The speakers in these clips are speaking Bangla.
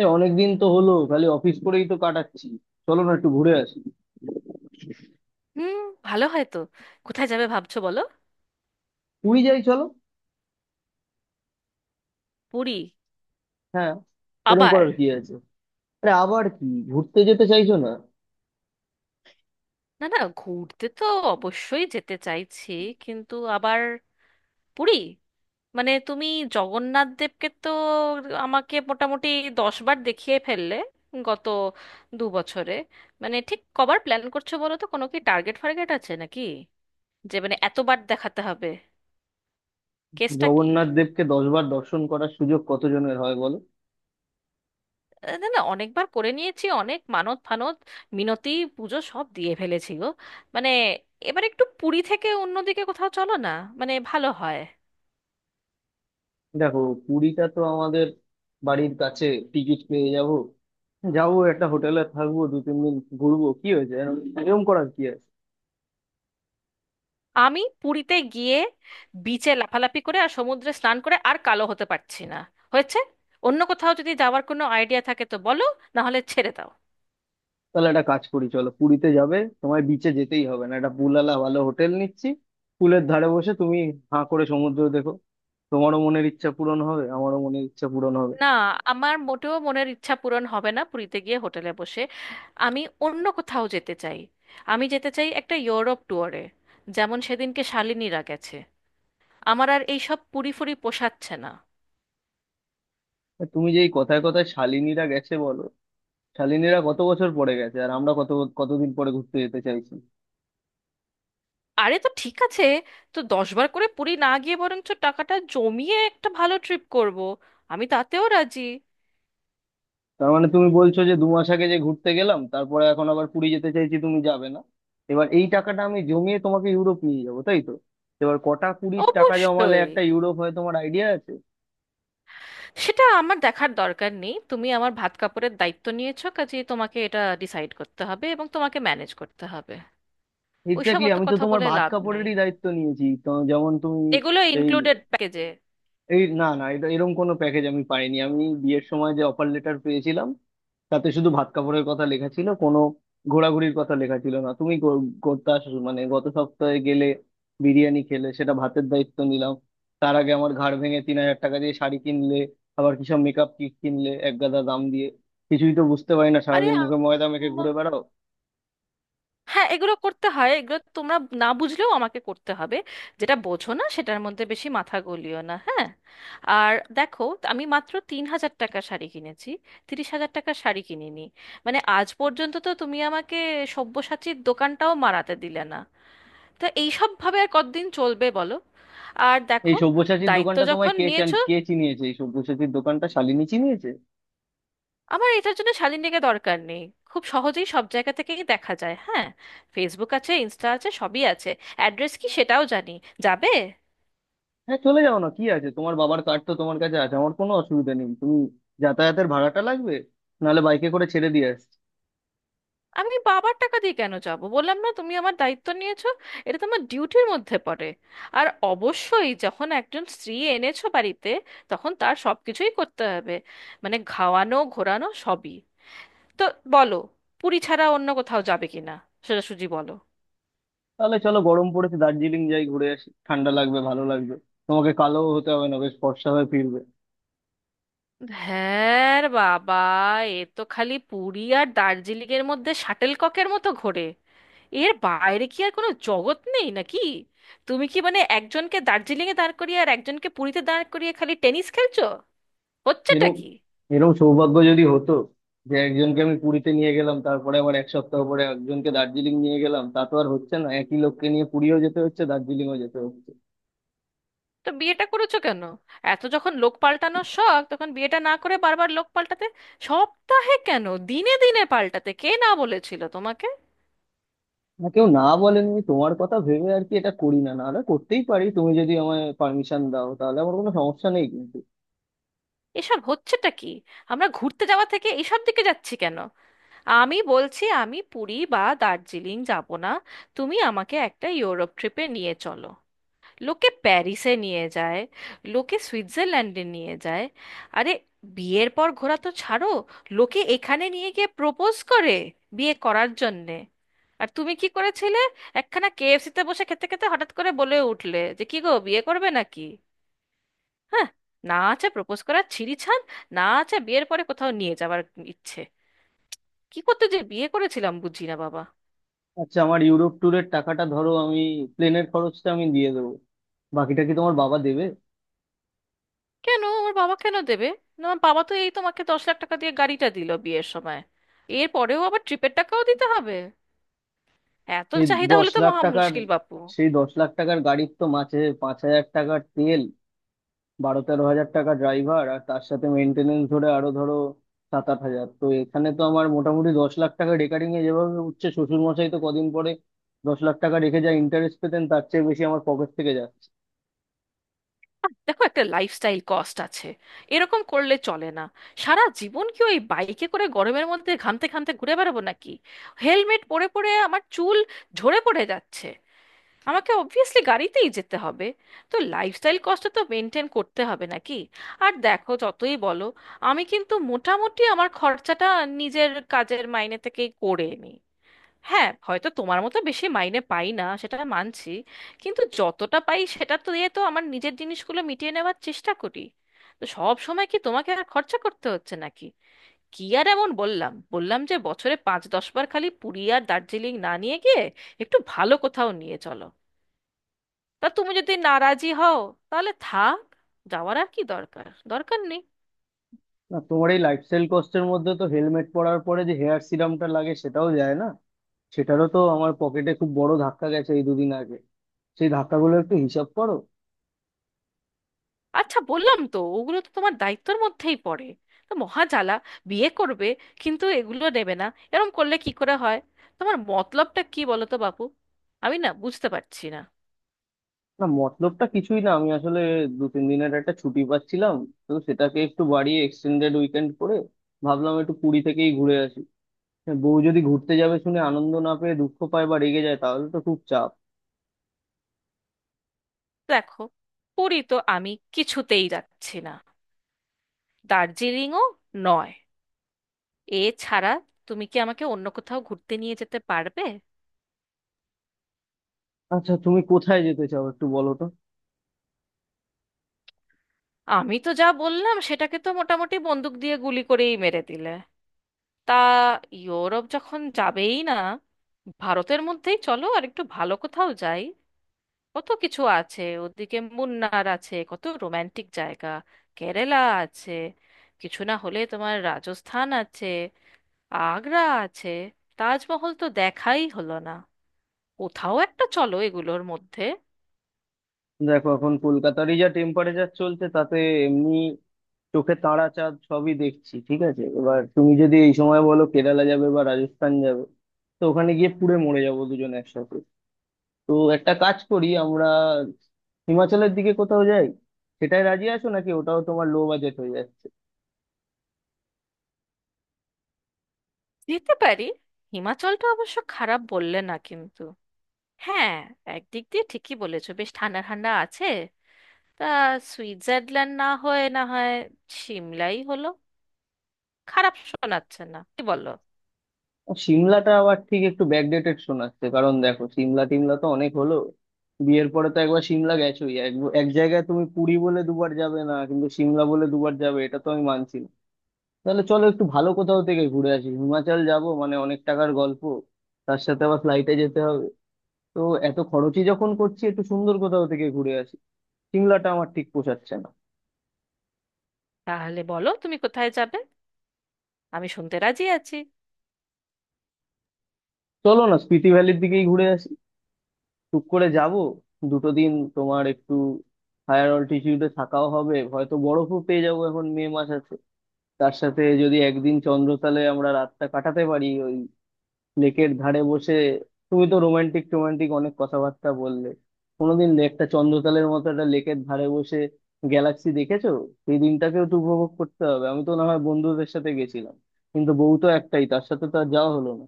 অনেকদিন তো হলো খালি অফিস করেই তো কাটাচ্ছি। চলো না একটু ঘুরে আসি। হুম। ভালো হয় তো। কোথায় যাবে ভাবছো বলো? পুরী যাই চলো। পুরী? হ্যাঁ, এরকম আবার? করার কি আছে? আরে আবার কি, ঘুরতে যেতে চাইছো না? না না, ঘুরতে তো অবশ্যই যেতে চাইছি, কিন্তু আবার পুরী? মানে তুমি জগন্নাথ দেবকে তো আমাকে মোটামুটি 10 বার দেখিয়ে ফেললে গত 2 বছরে। মানে ঠিক কবার প্ল্যান করছো বলো তো, কোনো কি টার্গেট ফার্গেট আছে নাকি যে মানে এতবার দেখাতে হবে? কেসটা কি? জগন্নাথ দেবকে 10 বার দর্শন করার সুযোগ কতজনের হয় বলো। না না, অনেকবার করে নিয়েছি, অনেক মানত ফানত, মিনতি, পুজো সব দিয়ে ফেলেছি গো। মানে এবার একটু পুরী থেকে অন্যদিকে কোথাও চলো না, মানে ভালো হয়। দেখো, পুরীটা তো আমাদের বাড়ির কাছে, টিকিট পেয়ে যাব, যাবো একটা হোটেলে থাকবো 2-3 দিন, ঘুরবো, কি হয়েছে এরকম এরকম করার কি আছে? আমি পুরীতে গিয়ে বিচে লাফালাফি করে আর সমুদ্রে স্নান করে আর কালো হতে পারছি না, হয়েছে? অন্য কোথাও যদি যাওয়ার কোনো আইডিয়া থাকে তো বলো, না হলে ছেড়ে দাও। তাহলে একটা কাজ করি, চলো পুরীতে যাবে, তোমায় বিচে যেতেই হবে না, একটা পুলালা ভালো হোটেল নিচ্ছি, পুলের ধারে বসে তুমি হাঁ করে সমুদ্র দেখো, তোমারও মনের ইচ্ছা পূরণ হবে আমারও মনের ইচ্ছা পূরণ হবে। না, আমার মোটেও মনের ইচ্ছা পূরণ হবে না পুরীতে গিয়ে হোটেলে বসে। আমি অন্য কোথাও যেতে চাই। আমি যেতে চাই একটা ইউরোপ ট্যুরে, যেমন সেদিনকে শালিনীরা গেছে। আমার আর এইসব পুরি ফুরি পোষাচ্ছে না। আর তুমি যে এই কথায় কথায় শালিনীরা গেছে বলো, শালিনীরা কত বছর পরে গেছে আর আমরা কত, কতদিন পরে ঘুরতে যেতে চাইছি? আরে তো ঠিক আছে, তো দশবার করে পুরি না গিয়ে বরঞ্চ টাকাটা জমিয়ে একটা ভালো ট্রিপ করব, আমি তাতেও রাজি। তার মানে তুমি বলছো যে 2 মাস আগে যে ঘুরতে গেলাম তারপরে এখন আবার পুরী যেতে চাইছি, তুমি যাবে না। এবার এই টাকাটা আমি জমিয়ে তোমাকে ইউরোপ নিয়ে যাবো, তাই তো? এবার কটা কুড়ির টাকা জমালে অবশ্যই। একটা ইউরোপ হয় তোমার আইডিয়া আছে? সেটা আমার দেখার দরকার নেই, তুমি আমার ভাত কাপড়ের দায়িত্ব নিয়েছো, কাজেই তোমাকে এটা ডিসাইড করতে হবে এবং তোমাকে ম্যানেজ করতে হবে। ওইসব এক্স্যাক্টলি, অত আমি তো কথা তোমার বলে ভাত লাভ নেই, কাপড়েরই দায়িত্ব নিয়েছি, তো যেমন তুমি। এগুলো এই ইনক্লুডেড প্যাকেজে। এই না না এটা এরকম কোনো প্যাকেজ আমি পাইনি, আমি বিয়ের সময় যে অফার লেটার পেয়েছিলাম তাতে শুধু ভাত কাপড়ের কথা লেখা ছিল, কোনো ঘোরাঘুরির কথা লেখা ছিল না। তুমি করতে আসো মানে, গত সপ্তাহে গেলে বিরিয়ানি খেলে, সেটা ভাতের দায়িত্ব নিলাম। তার আগে আমার ঘাড় ভেঙে 3,000 টাকা দিয়ে শাড়ি কিনলে, আবার কিসব মেকআপ কিট কিনলে এক গাদা দাম দিয়ে, কিছুই তো বুঝতে পারি না, আরে সারাদিন মুখে ময়দা মেখে ঘুরে বেড়াও। হ্যাঁ, এগুলো করতে হয়, এগুলো তোমরা না বুঝলেও আমাকে করতে হবে। যেটা বোঝো না সেটার মধ্যে বেশি মাথা গলিও না, হ্যাঁ? আর দেখো, আমি মাত্র 3,000 টাকা শাড়ি কিনেছি, 30,000 টাকার শাড়ি কিনিনি। মানে আজ পর্যন্ত তো তুমি আমাকে সব্যসাচীর দোকানটাও মারাতে দিলে না। তো এইসব ভাবে আর কতদিন চলবে বলো? আর এই দেখো, সব্যসাচীর দায়িত্ব দোকানটা তোমায় যখন কে চান, নিয়েছো। কে চিনিয়েছে? এই সব্যসাচীর দোকানটা শালিনী চিনিয়েছে। আমার এটার জন্য শালীনদিকে দরকার নেই, খুব সহজেই সব জায়গা থেকেই দেখা যায়, হ্যাঁ। ফেসবুক আছে, ইনস্টা আছে, সবই আছে। অ্যাড্রেস কি সেটাও জানি। যাবে। হ্যাঁ চলে যাও না, কি আছে, তোমার বাবার কার্ড তো তোমার কাছে আছে, আমার কোনো অসুবিধা নেই। তুমি যাতায়াতের ভাড়াটা লাগবে, নাহলে বাইকে করে ছেড়ে দিয়ে আসছি। আমি বাবার টাকা দিয়ে কেন যাব? বললাম না তুমি আমার দায়িত্ব নিয়েছো, এটা তোমার ডিউটির মধ্যে পড়ে। আর অবশ্যই যখন একজন স্ত্রী এনেছো বাড়িতে, তখন তার সব কিছুই করতে হবে, মানে খাওয়ানো ঘোরানো সবই। তো বলো, পুরী ছাড়া অন্য কোথাও যাবে কিনা, সোজাসুজি বলো। তাহলে চলো গরম পড়েছে, দার্জিলিং যাই, ঘুরে আসি, ঠান্ডা লাগবে, ভালো লাগবে। তোমাকে কালো হতে হবে না, বেশ ফর্সা হয়ে ফিরবে। হ্যাঁ রে বাবা, এ তো খালি পুরী আর দার্জিলিং এর মধ্যে শাটেলককের মতো ঘোরে। এর বাইরে কি আর কোনো জগৎ নেই নাকি? তুমি কি মানে একজনকে দার্জিলিং এ দাঁড় করিয়ে আর একজনকে পুরীতে দাঁড় করিয়ে খালি টেনিস খেলছো? হচ্ছেটা এরকম কি? এরকম সৌভাগ্য যদি হতো যে একজনকে আমি পুরীতে নিয়ে গেলাম তারপরে আবার 1 সপ্তাহ পরে একজনকে দার্জিলিং নিয়ে গেলাম, তা তো আর হচ্ছে না, একই লোককে নিয়ে পুরীও যেতে হচ্ছে দার্জিলিংও যেতে হচ্ছে। তো বিয়েটা করেছো কেন? এত যখন লোক পাল্টানোর শখ, তখন বিয়েটা না করে বারবার লোক পাল্টাতে। সপ্তাহে কেন, দিনে দিনে পাল্টাতে, কে না বলেছিল তোমাকে? না কেউ না বলেনি, আমি তোমার কথা ভেবে আর কি এটা করি না, নাহলে করতেই পারি, তুমি যদি আমায় পারমিশন দাও তাহলে আমার কোনো সমস্যা নেই, কিন্তু। এসব হচ্ছেটা কি? আমরা ঘুরতে যাওয়া থেকে এসব দিকে যাচ্ছি কেন? আমি বলছি আমি পুরী বা দার্জিলিং যাব না, তুমি আমাকে একটা ইউরোপ ট্রিপে নিয়ে চলো। লোকে প্যারিসে নিয়ে যায়, লোকে সুইজারল্যান্ডে নিয়ে যায়। আরে, বিয়ের পর ঘোরা তো ছাড়ো, লোকে এখানে নিয়ে গিয়ে প্রপোজ করে বিয়ে করার জন্যে। আর তুমি কি করেছিলে? একখানা কেএফসিতে বসে খেতে খেতে হঠাৎ করে বলে উঠলে যে কি গো বিয়ে করবে নাকি? হ্যাঁ। না আছে প্রপোজ করার ছিঁড়িছাড়, না আছে বিয়ের পরে কোথাও নিয়ে যাওয়ার ইচ্ছে। কি করতে যে বিয়ে করেছিলাম বুঝি না বাবা। আচ্ছা, আমার ইউরোপ ট্যুরের টাকাটা ধরো, আমি প্লেনের খরচটা আমি দিয়ে দেবো, বাকিটা কি তোমার বাবা দেবে? কেন আমার বাবা কেন দেবে? না, আমার বাবা তো এই তোমাকে 10 লাখ টাকা দিয়ে গাড়িটা দিল বিয়ের সময়, এর পরেও আবার ট্রিপের টাকাও দিতে হবে? এত সেই চাহিদা দশ হলে তো লাখ মহা টাকার মুশকিল বাপু। সেই দশ লাখ টাকার গাড়ির তো মাঝে 5,000 টাকার তেল, 12-13 হাজার টাকা ড্রাইভার, আর তার সাথে মেনটেনেন্স ধরে আরো ধরো 7-8 হাজার, তো এখানে তো আমার মোটামুটি 10 লাখ টাকা রেকারিং এ যেভাবে উঠছে, শ্বশুর মশাই তো কদিন পরে 10 লাখ টাকা রেখে যা ইন্টারেস্ট পেতেন তার চেয়ে বেশি আমার পকেট থেকে যাচ্ছে। দেখো, একটা লাইফস্টাইল কস্ট আছে, এরকম করলে চলে না। সারা জীবন কি ওই বাইকে করে গরমের মধ্যে ঘামতে ঘামতে ঘুরে বেড়াবো নাকি? হেলমেট পরে পরে আমার চুল ঝরে পড়ে যাচ্ছে, আমাকে অবভিয়াসলি গাড়িতেই যেতে হবে। তো লাইফস্টাইল কস্টটা তো মেনটেন করতে হবে নাকি? আর দেখো, যতই বলো, আমি কিন্তু মোটামুটি আমার খরচাটা নিজের কাজের মাইনে থেকেই করে নিই। হ্যাঁ, হয়তো তোমার মতো বেশি মাইনে পাই না, সেটা মানছি, কিন্তু যতটা পাই সেটা তো দিয়ে তো আমার নিজের জিনিসগুলো মিটিয়ে নেওয়ার চেষ্টা করি। তো সব সময় কি তোমাকে আর খরচা করতে হচ্ছে নাকি? কি আর এমন বললাম বললাম যে বছরে 5-10 বার খালি পুরী আর দার্জিলিং না নিয়ে গিয়ে একটু ভালো কোথাও নিয়ে চলো। তা তুমি যদি নারাজি হও তাহলে থাক, যাওয়ার আর কি দরকার দরকার নেই। না তোমার এই লাইফস্টাইল কস্টের মধ্যে তো হেলমেট পরার পরে যে হেয়ার সিরামটা লাগে সেটাও যায় না, সেটারও তো আমার পকেটে খুব বড় ধাক্কা গেছে এই দুদিন আগে, সেই ধাক্কাগুলো একটু হিসাব করো। আচ্ছা বললাম তো, ওগুলো তো তোমার দায়িত্বের মধ্যেই পড়ে, তো মহাজালা। বিয়ে করবে কিন্তু এগুলো নেবে না, এরম করলে কি করে হয়? তোমার মতলবটা কি বলো তো বাপু, আমি না বুঝতে পারছি না। না মতলবটা কিছুই না, আমি আসলে দু তিন দিনের একটা ছুটি পাচ্ছিলাম, তো সেটাকে একটু বাড়িয়ে এক্সটেন্ডেড উইকেন্ড করে ভাবলাম একটু পুরী থেকেই ঘুরে আসি। বউ যদি ঘুরতে যাবে শুনে আনন্দ না পেয়ে দুঃখ পায় বা রেগে যায়, তাহলে তো খুব চাপ। দেখো, পুরী তো আমি কিছুতেই যাচ্ছি না, দার্জিলিংও নয়। এছাড়া তুমি কি আমাকে অন্য কোথাও ঘুরতে নিয়ে যেতে পারবে? আচ্ছা তুমি কোথায় যেতে চাও একটু বলো তো। আমি তো যা বললাম সেটাকে তো মোটামুটি বন্দুক দিয়ে গুলি করেই মেরে দিলে। তা ইউরোপ যখন যাবেই না, ভারতের মধ্যেই চলো আর একটু ভালো কোথাও যাই। কত কিছু আছে ওদিকে, মুন্নার আছে, কত রোমান্টিক জায়গা। কেরালা আছে, কিছু না হলে তোমার রাজস্থান আছে, আগ্রা আছে, তাজমহল তো দেখাই হলো না। কোথাও একটা চলো এগুলোর মধ্যে। দেখো, এখন কলকাতারই যা টেম্পারেচার চলছে তাতে এমনি চোখে তারা চাঁদ সবই দেখছি, ঠিক আছে, এবার তুমি যদি এই সময় বলো কেরালা যাবে বা রাজস্থান যাবে, তো ওখানে গিয়ে পুড়ে মরে যাবো দুজন একসাথে। তো একটা কাজ করি আমরা, হিমাচলের দিকে কোথাও যাই, সেটাই রাজি আছো নাকি? ওটাও তোমার লো বাজেট হয়ে যাচ্ছে? যেতে পারি, হিমাচলটা অবশ্য খারাপ বললে না কিন্তু। হ্যাঁ, একদিক দিয়ে ঠিকই বলেছো, বেশ ঠান্ডা ঠান্ডা আছে। তা সুইজারল্যান্ড না হয়ে না হয় সিমলাই হলো, খারাপ শোনাচ্ছে না কি বলো? আর সিমলাটা আবার ঠিক একটু ব্যাকডেটেড শোনাচ্ছে, কারণ দেখো সিমলা টিমলা তো অনেক হলো, বিয়ের পরে তো একবার সিমলা গেছোই। এক এক জায়গায় তুমি পুরী বলে 2 বার যাবে না কিন্তু সিমলা বলে 2 বার যাবে, এটা তো আমি মানছি না। তাহলে চলো একটু ভালো কোথাও থেকে ঘুরে আসি, হিমাচল যাব মানে অনেক টাকার গল্প, তার সাথে আবার ফ্লাইটে যেতে হবে, তো এত খরচই যখন করছি একটু সুন্দর কোথাও থেকে ঘুরে আসি, সিমলাটা আমার ঠিক পোষাচ্ছে না। তাহলে বলো তুমি কোথায় যাবে, আমি শুনতে রাজি আছি। চলো না স্পিতি ভ্যালির দিকেই ঘুরে আসি, টুক করে যাব, 2 দিন তোমার একটু হায়ার অল্টিটিউডে থাকাও হবে, হয়তো বরফও পেয়ে যাবো, এখন মে মাস আছে। তার সাথে যদি একদিন চন্দ্রতালে আমরা রাতটা কাটাতে পারি, ওই লেকের ধারে বসে, তুমি তো রোমান্টিক টোমান্টিক অনেক কথাবার্তা বললে, কোনোদিন একটা চন্দ্রতালের মতো একটা লেকের ধারে বসে গ্যালাক্সি দেখেছো? সেই দিনটাকেও তো উপভোগ করতে হবে, আমি তো না হয় বন্ধুদের সাথে গেছিলাম, কিন্তু বউ তো একটাই, তার সাথে তো আর যাওয়া হলো না।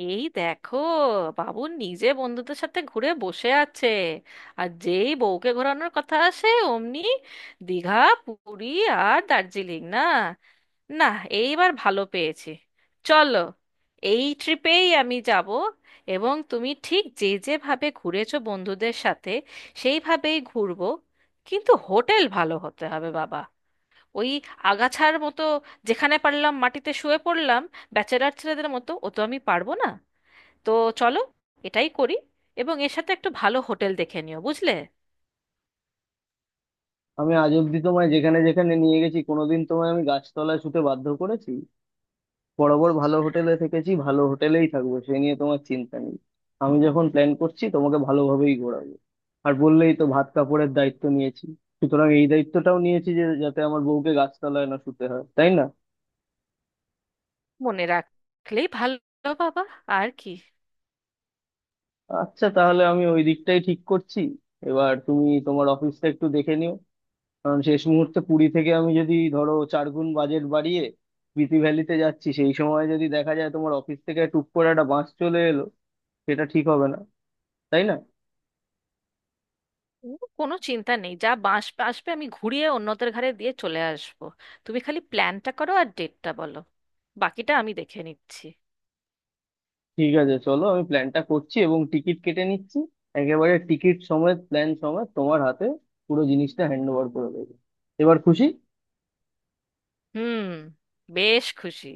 এই দেখো, বাবু নিজে বন্ধুদের সাথে ঘুরে বসে আছে, আর যেই বউকে ঘোরানোর কথা আসে অমনি দীঘা, পুরী আর দার্জিলিং, না না। এইবার ভালো পেয়েছি, চলো, এই ট্রিপেই আমি যাব। এবং তুমি ঠিক যে যেভাবে ঘুরেছো বন্ধুদের সাথে সেইভাবেই ঘুরবো, কিন্তু হোটেল ভালো হতে হবে বাবা। ওই আগাছার মতো যেখানে পারলাম মাটিতে শুয়ে পড়লাম ব্যাচেলার ছেলেদের মতো ও তো আমি পারবো না। তো চলো, এটাই করি, এবং এর সাথে একটু ভালো হোটেল দেখে নিও বুঝলে। আমি আজ অব্দি তোমায় যেখানে যেখানে নিয়ে গেছি, কোনোদিন তোমায় আমি গাছতলায় শুতে বাধ্য করেছি? বরাবর ভালো হোটেলে থেকেছি, ভালো হোটেলেই থাকবো, সে নিয়ে তোমার চিন্তা নেই। আমি যখন প্ল্যান করছি তোমাকে ভালোভাবেই ঘোরাবো। আর বললেই তো ভাত কাপড়ের দায়িত্ব নিয়েছি, সুতরাং এই দায়িত্বটাও নিয়েছি যে যাতে আমার বউকে গাছতলায় না শুতে হয়, তাই না? মনে রাখলেই ভালো বাবা, আর কি। আচ্ছা তাহলে আমি ওই দিকটাই ঠিক করছি। এবার তুমি তোমার অফিসটা একটু দেখে নিও, কারণ শেষ মুহূর্তে পুরী থেকে আমি যদি ধরো 4 গুণ বাজেট বাড়িয়ে বিথি ভ্যালিতে যাচ্ছি, সেই সময় যদি দেখা যায় তোমার অফিস থেকে টুক করে একটা বাস চলে এলো, সেটা ঠিক হবে না, তাই না? ও, কোনো চিন্তা নেই, যা বাঁশ আসবে আমি ঘুরিয়ে অন্যদের ঘাড়ে দিয়ে চলে আসবো। তুমি খালি প্ল্যানটা করো আর ডেটটা বলো, বাকিটা আমি দেখে নিচ্ছি। ঠিক আছে চলো, আমি প্ল্যানটা করছি এবং টিকিট কেটে নিচ্ছি, একেবারে টিকিট সমেত প্ল্যান সমেত তোমার হাতে পুরো জিনিসটা হ্যান্ড ওভার করে দেবো। এবার খুশি? হুম, বেশ খুশি।